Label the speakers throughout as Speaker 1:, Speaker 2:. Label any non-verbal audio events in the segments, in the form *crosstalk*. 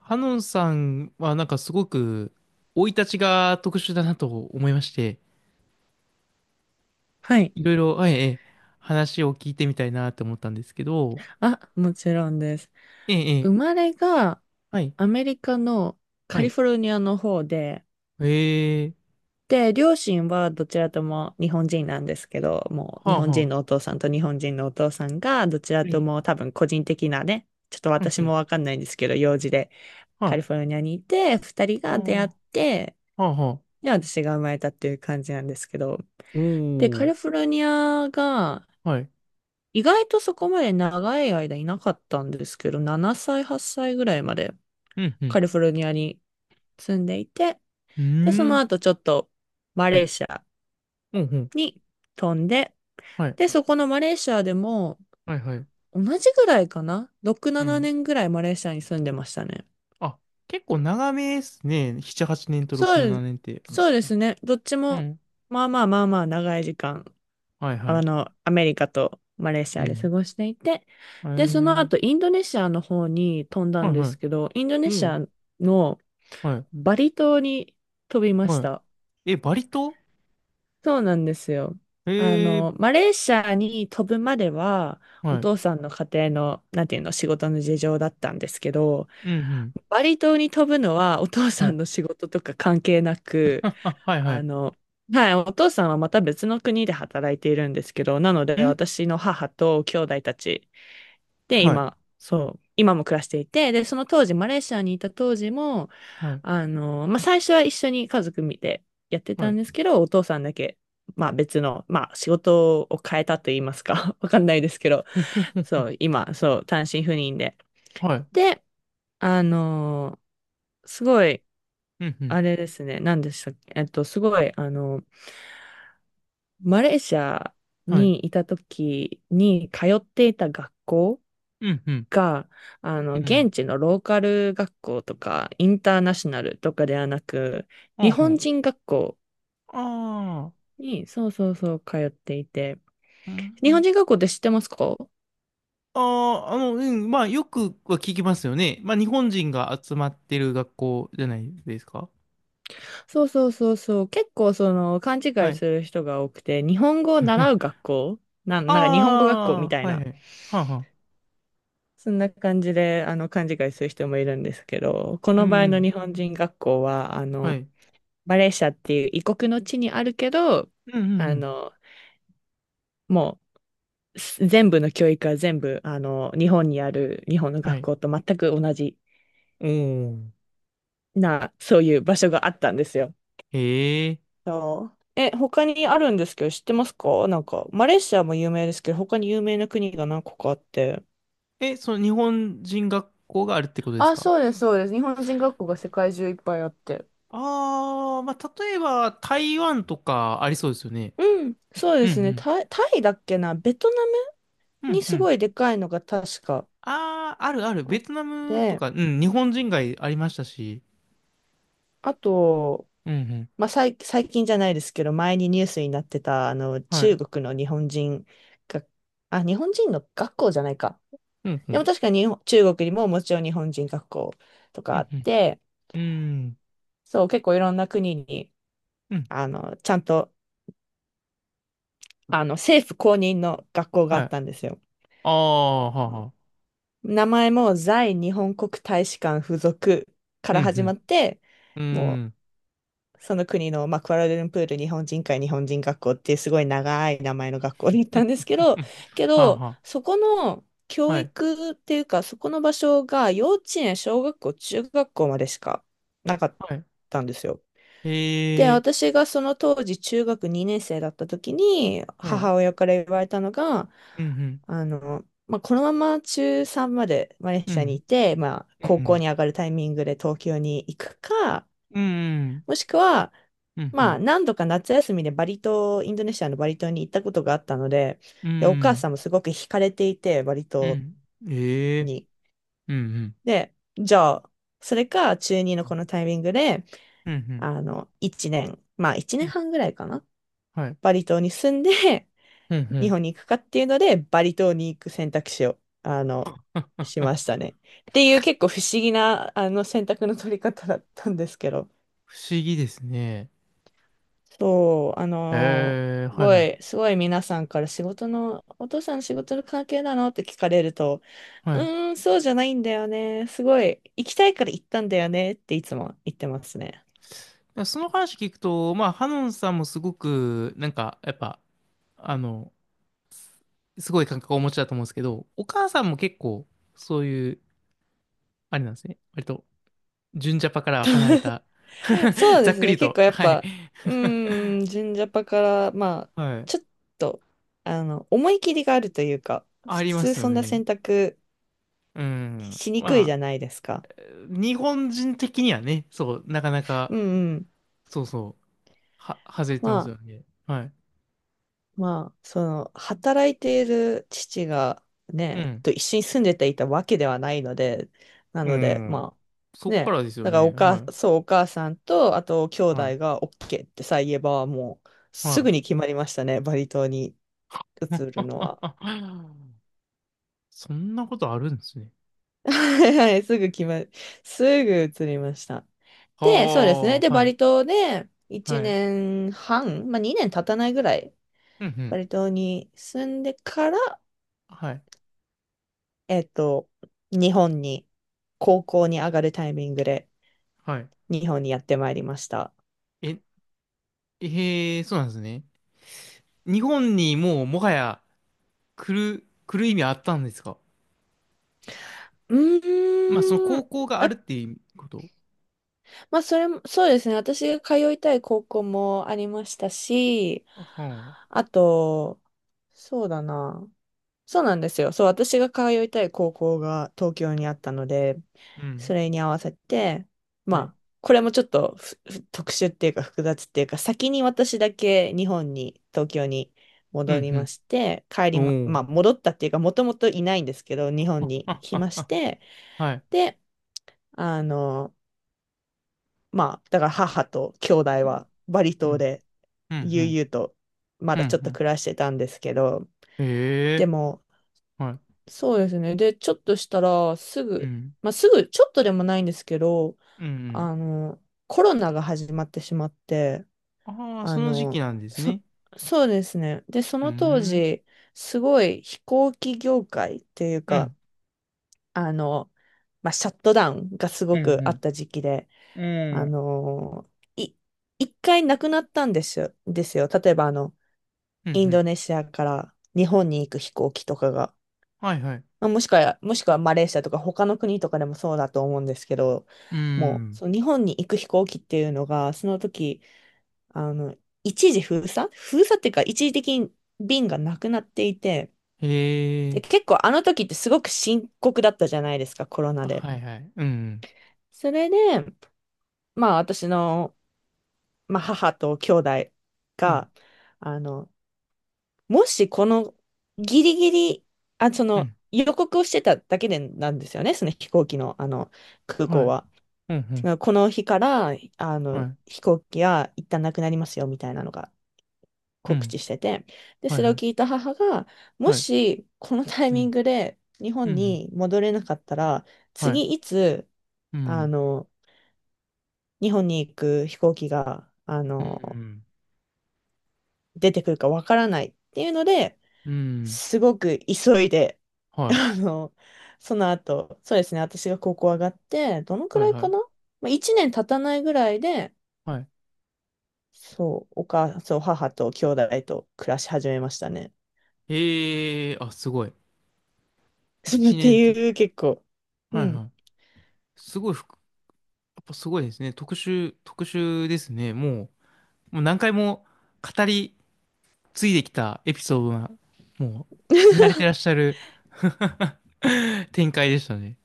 Speaker 1: ハノンさんはなんかすごく生い立ちが特殊だなと思いまして、
Speaker 2: はい。
Speaker 1: いろいろ、はい、ええ、話を聞いてみたいなって思ったんですけど。
Speaker 2: あ、もちろんです。
Speaker 1: ええ、え
Speaker 2: 生
Speaker 1: え。
Speaker 2: まれが
Speaker 1: はい、
Speaker 2: アメリカのカ
Speaker 1: は
Speaker 2: リ
Speaker 1: い。
Speaker 2: フォルニアの方で、
Speaker 1: ええ。
Speaker 2: 両親はどちらとも日本人なんですけど、もう
Speaker 1: は
Speaker 2: 日
Speaker 1: あ
Speaker 2: 本
Speaker 1: は
Speaker 2: 人のお
Speaker 1: あ。
Speaker 2: 父さんと日本人のお父さんが、どちら
Speaker 1: え
Speaker 2: と
Speaker 1: え。
Speaker 2: も多分個人的なね、ちょっと
Speaker 1: うんう
Speaker 2: 私も
Speaker 1: ん。
Speaker 2: わかんないんですけど、用事で
Speaker 1: は
Speaker 2: カリ
Speaker 1: い。
Speaker 2: フォルニアにいて、二人
Speaker 1: ああ。
Speaker 2: が出会っ
Speaker 1: は
Speaker 2: て、
Speaker 1: あはあ。
Speaker 2: で、私が生まれたっていう感じなんですけど、
Speaker 1: お
Speaker 2: で、カ
Speaker 1: ー。
Speaker 2: リフォルニアが、
Speaker 1: はい。
Speaker 2: 意外とそこまで長い間いなかったんですけど、7歳、8歳ぐらいまで
Speaker 1: うん、うん。
Speaker 2: カリフォルニアに住んでいて、
Speaker 1: う
Speaker 2: で、そ
Speaker 1: ー
Speaker 2: の
Speaker 1: ん。
Speaker 2: 後ちょっとマ
Speaker 1: は
Speaker 2: レー
Speaker 1: い。
Speaker 2: シア
Speaker 1: うん、うん。
Speaker 2: に飛んで、
Speaker 1: はい、
Speaker 2: で、そこのマレーシアでも、
Speaker 1: はい。はい。
Speaker 2: 同じぐらいかな？ 6、
Speaker 1: う
Speaker 2: 7
Speaker 1: ん。
Speaker 2: 年ぐらいマレーシアに住んでましたね。
Speaker 1: あ、結構長めですね。7、8年と
Speaker 2: そ
Speaker 1: 6、
Speaker 2: う
Speaker 1: 7
Speaker 2: で、
Speaker 1: 年って。
Speaker 2: そうですね。どっち
Speaker 1: う
Speaker 2: も、
Speaker 1: ん、
Speaker 2: まあまあまあまあ長い時間、
Speaker 1: はい、はい。
Speaker 2: アメリカとマレーシ
Speaker 1: う
Speaker 2: アで過
Speaker 1: ん、
Speaker 2: ごしていて、
Speaker 1: え
Speaker 2: で、その後
Speaker 1: え。
Speaker 2: インドネシアの方に飛んだ
Speaker 1: は
Speaker 2: ん
Speaker 1: い、
Speaker 2: で
Speaker 1: はい。
Speaker 2: すけど、インドネ
Speaker 1: う
Speaker 2: シ
Speaker 1: ん。
Speaker 2: アの
Speaker 1: はい。
Speaker 2: バリ島に飛びまし
Speaker 1: は
Speaker 2: た。
Speaker 1: い。え、バリ島。
Speaker 2: そうなんですよ。
Speaker 1: えー、
Speaker 2: マレーシアに飛ぶまでは、お
Speaker 1: はい。
Speaker 2: 父さんの家庭の、なんていうの、仕事の事情だったんですけど、
Speaker 1: うん、うん。
Speaker 2: バリ島に飛ぶのはお父
Speaker 1: は
Speaker 2: さん
Speaker 1: い。
Speaker 2: の仕事とか関係な
Speaker 1: *laughs*
Speaker 2: く、
Speaker 1: あははい、は
Speaker 2: あ
Speaker 1: い。
Speaker 2: の、はい、お父さんはまた別の国で働いているんですけど、なので
Speaker 1: ん
Speaker 2: 私の母と兄弟たちで
Speaker 1: はい。
Speaker 2: 今、そう、今も暮らしていて、で、その当時、マレーシアにいた当時も、
Speaker 1: はい。
Speaker 2: まあ、最初は一緒に家族見てやって
Speaker 1: は
Speaker 2: たん
Speaker 1: い。
Speaker 2: ですけど、お父さんだけ、まあ、別の、まあ、仕事を変えたと言いますか、*laughs* わかんないですけど、
Speaker 1: *laughs* ふふ
Speaker 2: そ
Speaker 1: ふ。
Speaker 2: う、今、そう、単身赴任で。
Speaker 1: はい。
Speaker 2: で、あの、すごい、
Speaker 1: うん、うん。
Speaker 2: あれですね、何でしたっけ、すごい、マレーシア
Speaker 1: はい。
Speaker 2: にいた時に通っていた学校
Speaker 1: うん、うん。
Speaker 2: が、
Speaker 1: うん。
Speaker 2: 現地のローカル学校とか、インターナショナルとかではなく、日
Speaker 1: あほ
Speaker 2: 本
Speaker 1: ん。
Speaker 2: 人学校
Speaker 1: ああ。
Speaker 2: に、そうそうそう、通っていて。
Speaker 1: うん、う
Speaker 2: 日本
Speaker 1: ん。
Speaker 2: 人学校って知ってますか？
Speaker 1: ああ、うん。まあ、よくは聞きますよね。まあ、日本人が集まってる学校じゃないですか。
Speaker 2: そうそうそうそう。結構その勘違
Speaker 1: は
Speaker 2: い
Speaker 1: い。
Speaker 2: する人が多くて、日本語を習う学
Speaker 1: *laughs*
Speaker 2: 校なんか日本語学校み
Speaker 1: あ
Speaker 2: た
Speaker 1: あ、
Speaker 2: い
Speaker 1: はいは
Speaker 2: な。
Speaker 1: い。はあはあ。
Speaker 2: そんな感じで、勘違いする人もいるんですけど、こ
Speaker 1: うん
Speaker 2: の場
Speaker 1: う
Speaker 2: 合の
Speaker 1: ん。
Speaker 2: 日本人学校は、
Speaker 1: はい。
Speaker 2: マレーシアっていう異国の地にあるけど、
Speaker 1: うんうんう
Speaker 2: あ
Speaker 1: ん。
Speaker 2: の、もう、全部の教育は全部、日本にある日本の
Speaker 1: は
Speaker 2: 学
Speaker 1: い。
Speaker 2: 校と全く同じ
Speaker 1: おー。
Speaker 2: な、そういう場所があったんですよ。
Speaker 1: へえ。
Speaker 2: そうえ、他にあるんですけど、知ってますか？なんか、マレーシアも有名ですけど、他に有名な国が何個かあって。
Speaker 1: え、その日本人学校があるってことです
Speaker 2: あ、
Speaker 1: か？
Speaker 2: そうです、そうです。日本人学校が世界中いっぱいあって。
Speaker 1: ああー、まあ、例えば台湾とかありそうですよね。
Speaker 2: うん、そう
Speaker 1: う
Speaker 2: ですね。
Speaker 1: ん
Speaker 2: タイだっけな、ベトナム
Speaker 1: うん。うん
Speaker 2: に
Speaker 1: う
Speaker 2: す
Speaker 1: ん。
Speaker 2: ごいでかいのが確か
Speaker 1: ああ、あるある。
Speaker 2: あ
Speaker 1: ベ
Speaker 2: っ
Speaker 1: トナムと
Speaker 2: て、
Speaker 1: か、うん、日本人街ありましたし。
Speaker 2: あと、
Speaker 1: うん。うんうん。
Speaker 2: まあ、最近じゃないですけど、前にニュースになってた、
Speaker 1: は
Speaker 2: 中
Speaker 1: い。
Speaker 2: 国の日本人が、あ、日本人の学校じゃないか。
Speaker 1: う
Speaker 2: で
Speaker 1: ん
Speaker 2: も確かに日本中国にももちろん日本人学校と
Speaker 1: う
Speaker 2: かあ
Speaker 1: ん。
Speaker 2: っ
Speaker 1: うん
Speaker 2: て、
Speaker 1: うん。うん。
Speaker 2: そう、結構いろんな国に、
Speaker 1: うん。
Speaker 2: ちゃんと、政府公認の学校があ
Speaker 1: はい。
Speaker 2: っ
Speaker 1: あ
Speaker 2: たんですよ。
Speaker 1: あ、はあはあ。
Speaker 2: 名前も在日本国大使館附属か
Speaker 1: う
Speaker 2: ら始ま
Speaker 1: ん、
Speaker 2: って、
Speaker 1: うん。
Speaker 2: もう、
Speaker 1: うん。
Speaker 2: その国の、まあ、クアラルンプール日本人会日本人学校っていうすごい長い名前の学校に行ったんですけど、
Speaker 1: *laughs* はあは
Speaker 2: そこの
Speaker 1: あ。
Speaker 2: 教
Speaker 1: はい。
Speaker 2: 育っていうか、そこの場所が幼稚園、小学校、中学校までしかなかっ
Speaker 1: はい。
Speaker 2: たんですよ。で、
Speaker 1: へえ。
Speaker 2: 私がその当時中学2年生だった時に
Speaker 1: はい。うん、
Speaker 2: 母親から言われたのが、
Speaker 1: うん。
Speaker 2: まあ、このまま中3までマレー
Speaker 1: う
Speaker 2: シアにい
Speaker 1: ん、
Speaker 2: て、まあ、
Speaker 1: う
Speaker 2: 高校
Speaker 1: ん。
Speaker 2: に上がるタイミングで東京に行くか、
Speaker 1: うん、うん。
Speaker 2: もしくは、
Speaker 1: うんうん、うんう
Speaker 2: まあ、
Speaker 1: ん。
Speaker 2: 何度か夏休みでバリ島、インドネシアのバリ島に行ったことがあったので、
Speaker 1: うんう
Speaker 2: で、お母
Speaker 1: ん
Speaker 2: さんもすごく惹かれていて、バリ
Speaker 1: う
Speaker 2: 島
Speaker 1: ん。ええ。
Speaker 2: に。
Speaker 1: うんうん。
Speaker 2: で、じゃあ、それか中2のこのタイミングで、
Speaker 1: うんうん
Speaker 2: 1年、まあ1
Speaker 1: う
Speaker 2: 年
Speaker 1: ん。
Speaker 2: 半ぐらいかな？
Speaker 1: はい。
Speaker 2: バリ島に住んで、
Speaker 1: うんう
Speaker 2: 日
Speaker 1: ん。
Speaker 2: 本に行くかっていうので、バリ島に行く選択肢を、しましたね。っていう結構不思議な、選択の取り方だったんですけど。
Speaker 1: 不思議ですね。
Speaker 2: そう、
Speaker 1: ええ、
Speaker 2: す
Speaker 1: はい
Speaker 2: ご
Speaker 1: はい。
Speaker 2: い、すごい皆さんから仕事の、お父さん仕事の関係なのって聞かれると、
Speaker 1: は
Speaker 2: う
Speaker 1: い。
Speaker 2: ーん、そうじゃないんだよね。すごい、行きたいから行ったんだよねっていつも言ってますね。
Speaker 1: だその話聞くと、まあ、ハノンさんもすごく、なんか、やっぱ、あの、すごい感覚をお持ちだと思うんですけど、お母さんも結構、そういう、あれなんですね。割と、純ジャパからは離れた。
Speaker 2: *laughs* そ
Speaker 1: *laughs*
Speaker 2: う
Speaker 1: ざ
Speaker 2: で
Speaker 1: っ
Speaker 2: す
Speaker 1: く
Speaker 2: ね。
Speaker 1: り
Speaker 2: 結
Speaker 1: と、
Speaker 2: 構やっ
Speaker 1: はい。
Speaker 2: ぱ、うーん、純ジャパから、まあ、
Speaker 1: はい。
Speaker 2: ちょっと、思い切りがあるというか、普
Speaker 1: ありま
Speaker 2: 通
Speaker 1: すよ
Speaker 2: そんな
Speaker 1: ね。
Speaker 2: 選択
Speaker 1: うん。
Speaker 2: しにくいじゃ
Speaker 1: ま
Speaker 2: ないですか。
Speaker 1: あ、日本人的にはね、そう、なかな
Speaker 2: う
Speaker 1: か、
Speaker 2: んうん。
Speaker 1: そうそう。は、外れて
Speaker 2: ま
Speaker 1: ます
Speaker 2: あ、
Speaker 1: よね。はい。
Speaker 2: まあ、その、働いている父が
Speaker 1: う
Speaker 2: ね、
Speaker 1: ん。
Speaker 2: と一緒に住んでていたわけではないので、な
Speaker 1: う
Speaker 2: ので、
Speaker 1: ん。
Speaker 2: ま
Speaker 1: そ
Speaker 2: あ、
Speaker 1: っか
Speaker 2: ね、
Speaker 1: らですよ
Speaker 2: だから
Speaker 1: ね。はい。
Speaker 2: そう、お母さんと、あと、兄
Speaker 1: は
Speaker 2: 弟が OK ってさえ言えば、もう、
Speaker 1: い。
Speaker 2: す
Speaker 1: は
Speaker 2: ぐに決まりましたね、バリ島に移
Speaker 1: い。
Speaker 2: るのは。
Speaker 1: *laughs* そんなことあるんですね。
Speaker 2: はいはい、*laughs* すぐ移りました。
Speaker 1: は
Speaker 2: で、そうですね。で、
Speaker 1: あ、は
Speaker 2: バ
Speaker 1: い。
Speaker 2: リ島で
Speaker 1: は
Speaker 2: 1
Speaker 1: い。
Speaker 2: 年半、まあ2年経たないぐらい、
Speaker 1: うんう
Speaker 2: バ
Speaker 1: ん。
Speaker 2: リ島に住んでから、
Speaker 1: はい。
Speaker 2: えっと、日本に、高校に上がるタイミングで、
Speaker 1: はい。
Speaker 2: 日本にやってまいりました。
Speaker 1: え、えー、そうなんですね。日本にもうもはや来る、来る意味あったんですか？
Speaker 2: う
Speaker 1: まあ、その
Speaker 2: ー
Speaker 1: 高
Speaker 2: ん。
Speaker 1: 校がある
Speaker 2: え、
Speaker 1: っていうこと。
Speaker 2: まあ、それも、そうですね。私が通いたい高校もありましたし、
Speaker 1: あはあ。
Speaker 2: あと、そうだな。そうなんですよ。そう、私が通いたい高校が東京にあったので、
Speaker 1: う
Speaker 2: そ
Speaker 1: ん。
Speaker 2: れに合わせて、ま
Speaker 1: はい。
Speaker 2: あ、これもちょっと特殊っていうか複雑っていうか、先に私だけ日本に、東京に
Speaker 1: う
Speaker 2: 戻りま
Speaker 1: ん
Speaker 2: して、帰
Speaker 1: う
Speaker 2: りま、
Speaker 1: ん。お
Speaker 2: ま
Speaker 1: お。
Speaker 2: あ、戻ったっていうか、もともといないんですけど、日本に来
Speaker 1: あ、
Speaker 2: まし
Speaker 1: あ、
Speaker 2: て、
Speaker 1: はい。
Speaker 2: で、あの、まあ、だから母と兄弟
Speaker 1: うん
Speaker 2: はバリ
Speaker 1: う
Speaker 2: 島
Speaker 1: ん。
Speaker 2: で
Speaker 1: う
Speaker 2: 悠
Speaker 1: ん
Speaker 2: 々とま
Speaker 1: う
Speaker 2: だ
Speaker 1: ん。
Speaker 2: ちょっ
Speaker 1: う
Speaker 2: と
Speaker 1: ん
Speaker 2: 暮らしてたんですけど、
Speaker 1: うん。へ
Speaker 2: で
Speaker 1: え。
Speaker 2: も、
Speaker 1: はい。
Speaker 2: そうですね。で、ちょっとしたら、す
Speaker 1: う
Speaker 2: ぐ、
Speaker 1: ん。
Speaker 2: まあ、すぐ、ちょっとでもないんですけど、
Speaker 1: うん、
Speaker 2: コロナが始まってしまって、
Speaker 1: うん。ああ、
Speaker 2: あ
Speaker 1: その時期
Speaker 2: の、
Speaker 1: なんです
Speaker 2: そ、
Speaker 1: ね。
Speaker 2: そうですね。で、そ
Speaker 1: うー
Speaker 2: の当
Speaker 1: ん。
Speaker 2: 時、すごい飛行機業界っていう
Speaker 1: う
Speaker 2: か、
Speaker 1: ん。
Speaker 2: あの、まあ、シャットダウンがす
Speaker 1: う
Speaker 2: ご
Speaker 1: ん、
Speaker 2: くあった時期で、
Speaker 1: うん。
Speaker 2: あ
Speaker 1: うん。
Speaker 2: の、い、一回なくなったんですよ。例えば、
Speaker 1: うん、う
Speaker 2: イン
Speaker 1: ん。
Speaker 2: ドネシアから日本に行く飛行機とかが。
Speaker 1: はい、はい。
Speaker 2: まあ、もしくはマレーシアとか他の国とかでもそうだと思うんですけど、
Speaker 1: う
Speaker 2: もう、
Speaker 1: ん。
Speaker 2: その日本に行く飛行機っていうのが、その時、あの、一時封鎖っていうか、一時的に便がなくなっていて、
Speaker 1: へ
Speaker 2: で、
Speaker 1: え。
Speaker 2: 結構あの時ってすごく深刻だったじゃないですか、コロナ
Speaker 1: あ
Speaker 2: で。
Speaker 1: はい、はい。うん。
Speaker 2: それで、まあ私の、まあ、母と兄弟
Speaker 1: うん。
Speaker 2: が、あの、もしこのギリギリ、あ、そ
Speaker 1: う
Speaker 2: の
Speaker 1: ん。
Speaker 2: 予告をしてただけでなんですよね、その飛行機の、あの空
Speaker 1: は
Speaker 2: 港
Speaker 1: い。
Speaker 2: は。
Speaker 1: うん、う
Speaker 2: て
Speaker 1: ん。
Speaker 2: かこの日から、
Speaker 1: はい。
Speaker 2: 飛行機は一旦なくなりますよ、みたいなのが
Speaker 1: う
Speaker 2: 告
Speaker 1: ん。
Speaker 2: 知してて。で、
Speaker 1: はい、
Speaker 2: それを
Speaker 1: はい。
Speaker 2: 聞いた母が、も
Speaker 1: はい。
Speaker 2: し、このタイ
Speaker 1: う
Speaker 2: ミン
Speaker 1: ん。
Speaker 2: グで日
Speaker 1: う
Speaker 2: 本
Speaker 1: ん。
Speaker 2: に戻れなかったら、
Speaker 1: はい。
Speaker 2: 次いつ、
Speaker 1: う
Speaker 2: あ
Speaker 1: ん。
Speaker 2: の、日本に行く飛行機が、
Speaker 1: うん。
Speaker 2: 出てくるかわからないっていうので、
Speaker 1: うん。
Speaker 2: すごく急いで、
Speaker 1: はい。
Speaker 2: あの、その後、そうですね、私が高校上がって、どのく
Speaker 1: はい、
Speaker 2: らい
Speaker 1: は
Speaker 2: かな？
Speaker 1: い。
Speaker 2: まあ、1年経たないぐらいで、
Speaker 1: はい。
Speaker 2: そう、そう、母と兄弟と暮らし始めましたね。
Speaker 1: へえ。あ、すごい。
Speaker 2: *laughs* っ
Speaker 1: 一
Speaker 2: て
Speaker 1: 年と、
Speaker 2: いう、結構。
Speaker 1: は
Speaker 2: う
Speaker 1: い、は
Speaker 2: ん。
Speaker 1: い。すごい、ふくやっぱすごいですね。特殊、特殊ですね。もう。もう何回も語り継いできたエピソードが、もう手慣れてらっしゃる。 *laughs* 展開でしたね。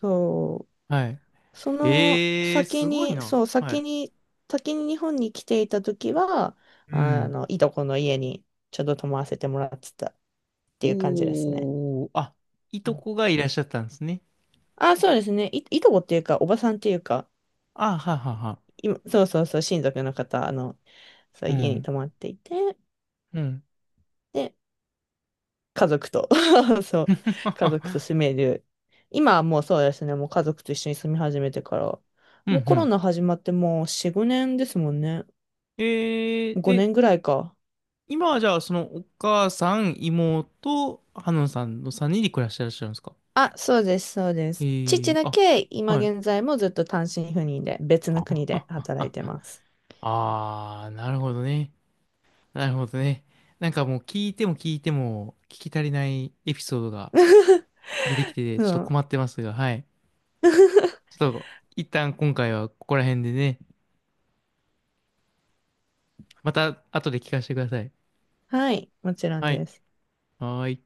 Speaker 2: そ
Speaker 1: はい。
Speaker 2: う。その
Speaker 1: えー、
Speaker 2: 先
Speaker 1: すごい
Speaker 2: に、
Speaker 1: な。
Speaker 2: そう、
Speaker 1: は
Speaker 2: 先
Speaker 1: い。
Speaker 2: に、先に日本に来ていた時は、
Speaker 1: うん。
Speaker 2: いとこの家にちょっと泊まらせてもらってたっていう感じですね。
Speaker 1: おー、あ、い
Speaker 2: う
Speaker 1: と
Speaker 2: ん。
Speaker 1: こがいらっしゃったんですね。
Speaker 2: あ、そうですね。いとこっていうか、おばさんっていうか、
Speaker 1: あ、ははは。
Speaker 2: 今そうそうそう、親族の方、そう、
Speaker 1: う
Speaker 2: 家に
Speaker 1: ん。
Speaker 2: 泊まっていて、
Speaker 1: うん。
Speaker 2: で、家族と *laughs* そう、家族と
Speaker 1: *laughs*
Speaker 2: 住める。今はもうそうですね、もう家族と一緒に住み始めてから。
Speaker 1: うんう
Speaker 2: もうコロ
Speaker 1: ん。
Speaker 2: ナ始まってもう4、5年ですもんね。
Speaker 1: えー、
Speaker 2: 5
Speaker 1: え、
Speaker 2: 年ぐらいか。
Speaker 1: 今はじゃあ、そのお母さん、妹、ハノンさんの3人で暮らしてらっしゃるんですか？
Speaker 2: あ、そうです、そうで
Speaker 1: え
Speaker 2: す。父
Speaker 1: ー、
Speaker 2: だ
Speaker 1: あ、
Speaker 2: け今
Speaker 1: はい。
Speaker 2: 現在もずっと単身赴任で別の国で働い
Speaker 1: あ、
Speaker 2: てます。
Speaker 1: あー、なるほどね。なるほどね。なんかもう聞いても聞いても聞き足りないエピソードが出てきて
Speaker 2: う
Speaker 1: ちょっと
Speaker 2: ん。
Speaker 1: 困ってますが、はい。ちょっと一旦今回はここら辺でね、また後で聞かせてください。
Speaker 2: はい、もちろん
Speaker 1: はい。
Speaker 2: です。
Speaker 1: はーい。